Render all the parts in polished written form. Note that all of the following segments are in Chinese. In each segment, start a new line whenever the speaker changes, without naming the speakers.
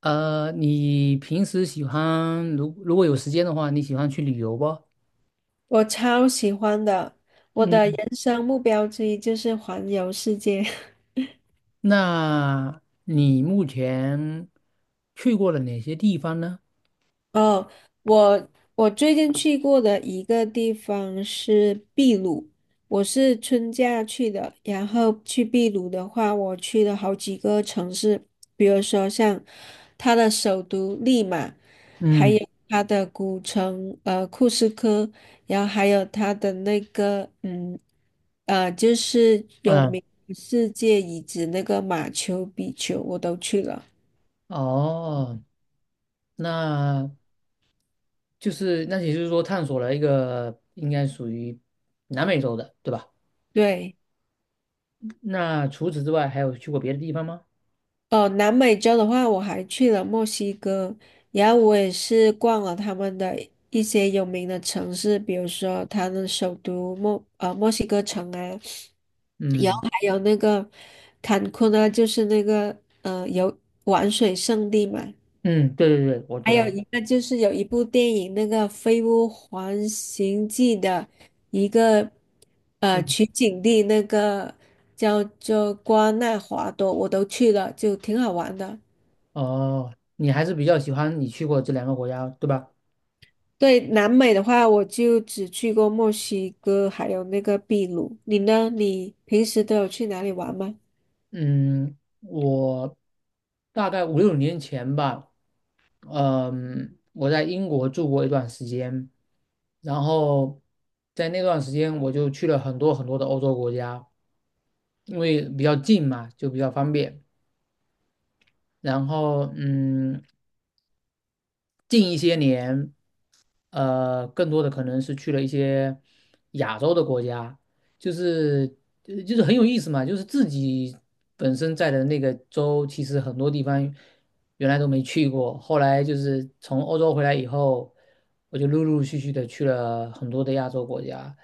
你平时喜欢，如果有时间的话，你喜欢去旅游不？
我超喜欢的，我的
嗯，
人生目标之一就是环游世界。
那你目前去过了哪些地方呢？
哦，我我最近去过的一个地方是秘鲁，我是春假去的。然后去秘鲁的话，我去了好几个城市，比如说像它的首都利马，还有
嗯
它的古城库斯科，然后还有它的那个就是有
嗯。
名世界遗址那个马丘比丘，我都去了。
哦，那就是那也就是说探索了一个应该属于南美洲的，对吧？
对。
那除此之外还有去过别的地方吗？
哦，南美洲的话，我还去了墨西哥，然后我也是逛了他们的一些有名的城市，比如说他们首都墨西哥城啊，然后
嗯
还有那个坎昆啊，就是那个游玩水圣地嘛，
嗯，对对对，我知
还有
道。
一个就是有一部电影那个《飞屋环形记》的一个
嗯。
取景地，那个叫做瓜纳华多，我都去了，就挺好玩的。
哦，你还是比较喜欢你去过这两个国家，对吧？
对，南美的话，我就只去过墨西哥，还有那个秘鲁。你呢？你平时都有去哪里玩吗？
嗯，我大概五六年前吧，嗯，我在英国住过一段时间，然后在那段时间我就去了很多很多的欧洲国家，因为比较近嘛，就比较方便。然后嗯，近一些年，更多的可能是去了一些亚洲的国家。就是就是很有意思嘛，就是自己本身在的那个州，其实很多地方原来都没去过，后来就是从欧洲回来以后，我就陆陆续续的去了很多的亚洲国家，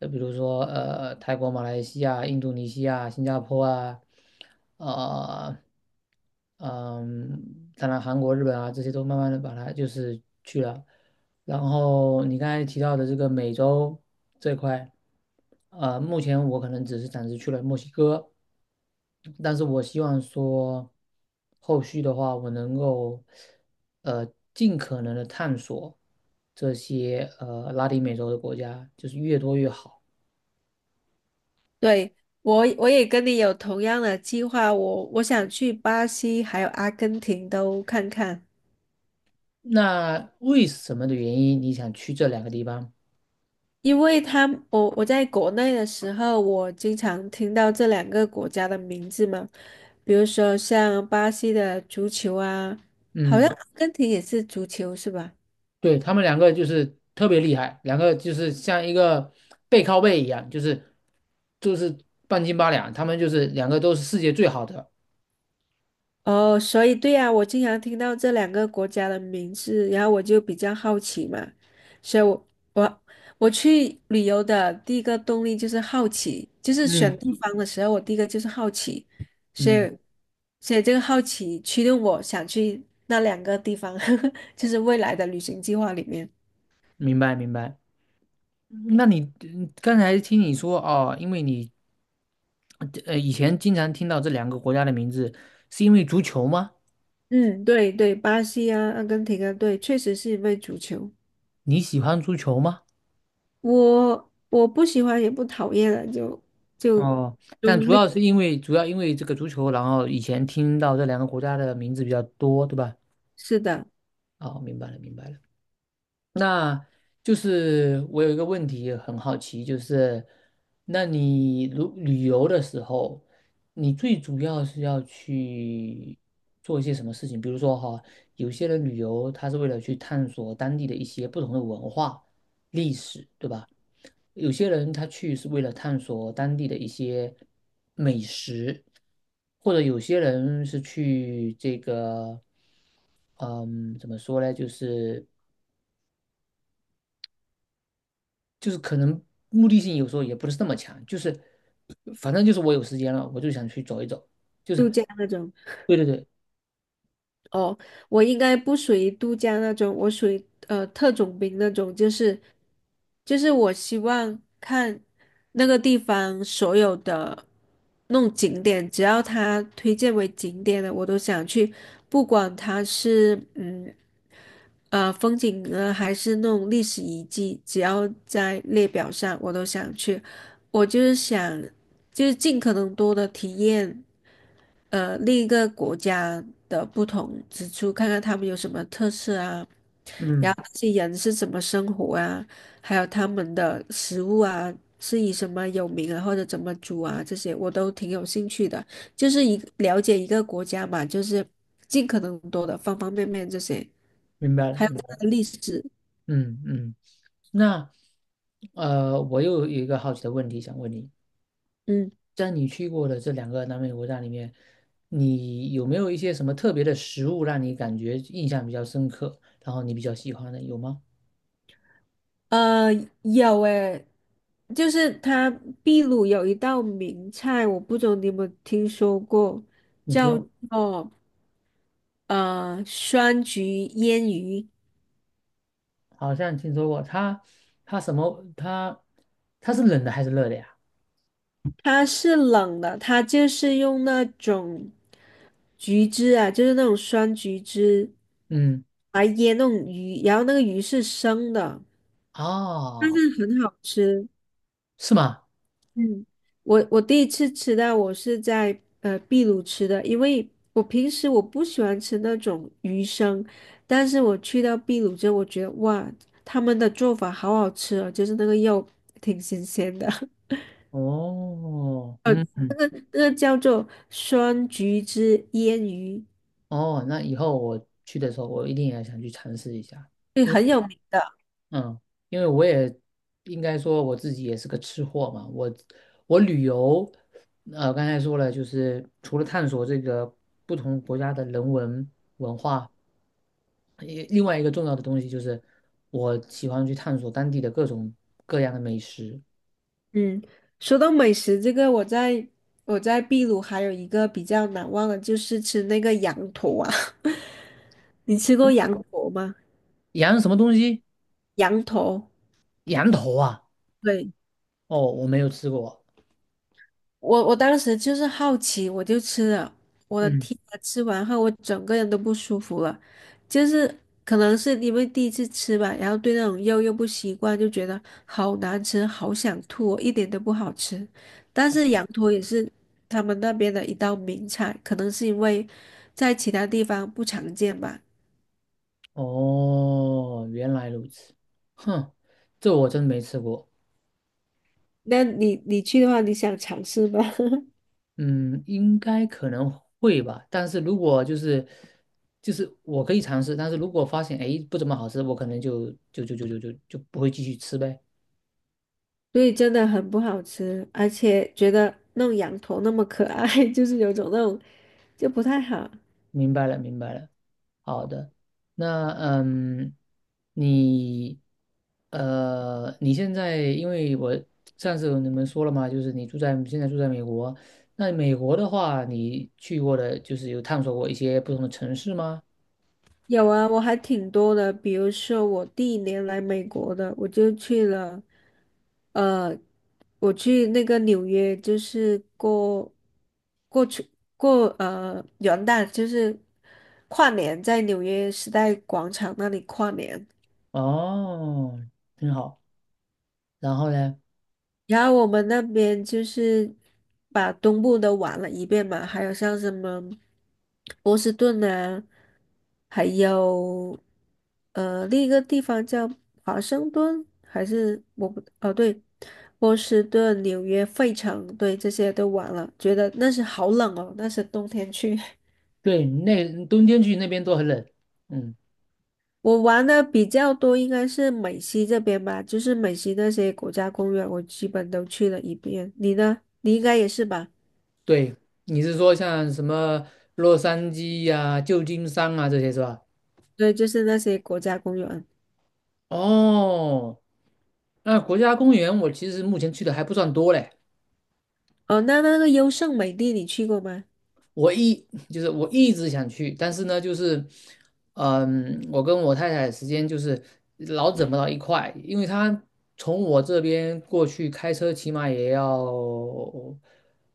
就比如说泰国、马来西亚、印度尼西亚、新加坡啊，呃，嗯，当然韩国、日本啊这些都慢慢的把它就是去了。然后你刚才提到的这个美洲这块，目前我可能只是暂时去了墨西哥，但是我希望说后续的话，我能够呃尽可能的探索这些拉丁美洲的国家，就是越多越好。
对，我也跟你有同样的计划，我想去巴西还有阿根廷都看看，
那为什么的原因你想去这两个地方？
因为他们我在国内的时候，我经常听到这两个国家的名字嘛，比如说像巴西的足球啊，好像
嗯，
阿根廷也是足球是吧？
对，他们两个就是特别厉害，两个就是像一个背靠背一样，就是半斤八两，他们就是两个都是世界最好的。
哦，所以对呀，我经常听到这两个国家的名字，然后我就比较好奇嘛，所以我我我去旅游的第一个动力就是好奇，就是选
嗯
地方的时候，我第一个就是好奇，所以
嗯，
所以这个好奇驱动我想去那两个地方，就是未来的旅行计划里面。
明白明白。那你嗯刚才听你说哦，因为你以前经常听到这两个国家的名字，是因为足球吗？
嗯，对对，巴西啊，阿根廷啊，对，确实是因为足球，
你喜欢足球吗？
我不喜欢也不讨厌了，就
哦，但
中
主
立，
要是因为主要因为这个足球，然后以前听到这两个国家的名字比较多，对吧？
是的。
哦，明白了，明白了。那就是我有一个问题很好奇，就是那你如旅游的时候，你最主要是要去做一些什么事情？比如说哈，有些人旅游他是为了去探索当地的一些不同的文化、历史，对吧？有些人他去是为了探索当地的一些美食，或者有些人是去这个，嗯，怎么说呢？就是可能目的性有时候也不是那么强，就是反正就是我有时间了，我就想去走一走，就是
度假那种。
对对对。
哦，我应该不属于度假那种，我属于特种兵那种，就是我希望看那个地方所有的那种景点，只要它推荐为景点的，我都想去，不管它是风景呢，还是那种历史遗迹，只要在列表上，我都想去。我就是想尽可能多的体验。另一个国家的不同之处，看看他们有什么特色啊，然
嗯，
后这些人是怎么生活啊，还有他们的食物啊，是以什么有名啊，或者怎么煮啊，这些我都挺有兴趣的。就是一了解一个国家嘛，就是尽可能多的方方面面这些，
明白了
还有
明白
它
了，
的历史，
嗯嗯。那我又有一个好奇的问题想问你。
嗯，
在你去过的这两个南美国家里面，你有没有一些什么特别的食物让你感觉印象比较深刻，然后你比较喜欢的，有吗？
呃，有诶。就是它秘鲁有一道名菜，我不知道你有没有听说过，
你
叫
说
做酸橘腌鱼，
好像听说过，它它什么它它是冷的还是热的呀？
它是冷的，它就是用那种橘汁啊，就是那种酸橘汁
嗯，
来腌那种鱼，然后那个鱼是生的，
哦，
很好吃。
是吗？
嗯，我第一次吃到，我是在秘鲁吃的，因为我平时我不喜欢吃那种鱼生，但是我去到秘鲁之后，我觉得哇，他们的做法好好吃哦，就是那个肉挺新鲜的。
哦，嗯嗯。
这个叫做酸橘汁腌鱼，
哦，那以后我去的时候，我一定也想去尝试一下。
对，
因
很
为，
有名。
嗯，因为我也应该说我自己也是个吃货嘛，我我旅游，刚才说了，就是除了探索这个不同国家的人文文化，也另外一个重要的东西就是我喜欢去探索当地的各种各样的美食。
嗯，说到美食，这个我在秘鲁还有一个比较难忘的，就是吃那个羊驼啊。你吃过羊驼吗？
羊什么东西？
羊驼，
羊头啊？
对，
哦，我没有吃过。
我当时就是好奇，我就吃了。我的
嗯，
天啊，吃完后我整个人都不舒服了，就是可能是因为第一次吃吧，然后对那种肉又不习惯，就觉得好难吃，好想吐哦一点都不好吃。但是羊驼也是他们那边的一道名菜，可能是因为在其他地方不常见吧。
哦，原来如此。哼，这我真没吃过。
那你去的话，你想尝试吗？
嗯，应该可能会吧，但是如果就是就是我可以尝试，但是如果发现哎不怎么好吃，我可能就不会继续吃呗。
所以真的很不好吃，而且觉得那种羊驼那么可爱，就是有种那种就不太好。
明白了，明白了。好的，那嗯，你你现在因为我上次有你们说了嘛，就是你住在现在住在美国，那美国的话，你去过的就是有探索过一些不同的城市吗？
有啊，我还挺多的，比如说我第一年来美国的，我就去了，呃，我去那个纽约，就是过去过元旦，就是跨年在纽约时代广场那里跨年。
哦，很好。然后呢？
然后我们那边就是把东部都玩了一遍嘛，还有像什么波士顿啊，还有另一个地方叫华盛顿，还是我不哦对，波士顿、纽约、费城，对这些都玩了，觉得那是好冷哦，那是冬天去。
对，那冬天去那边都很冷。嗯，
我玩的比较多应该是美西这边吧，就是美西那些国家公园，我基本都去了一遍。你呢？你应该也是吧？
对，你是说像什么洛杉矶呀、旧金山啊这些是吧？
对，就是那些国家公园。
哦，那国家公园我其实目前去的还不算多嘞。
哦，那那个优胜美地你去过吗？
我一我一直想去，但是呢，就是，嗯，我跟我太太时间就是老整不到一块，因为她从我这边过去开车起码也要，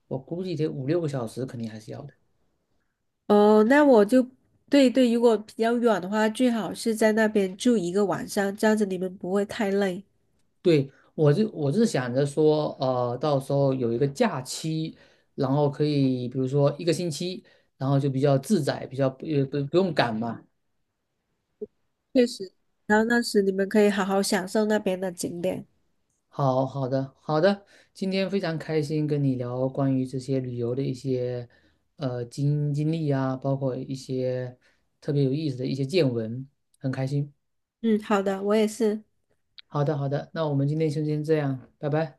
我估计得五六个小时，肯定还是要的。
哦，那我就对对，如果比较远的话，最好是在那边住一个晚上，这样子你们不会太累。
对，我就我是想着说，到时候有一个假期，然后可以比如说一个星期，然后就比较自在，比较也不用赶嘛。
确实，然后那时你们可以好好享受那边的景点。
好好的好的，今天非常开心跟你聊关于这些旅游的一些经历啊，包括一些特别有意思的一些见闻，很开心。
嗯，好的，我也是。
好的好的，那我们今天就先这样，拜拜。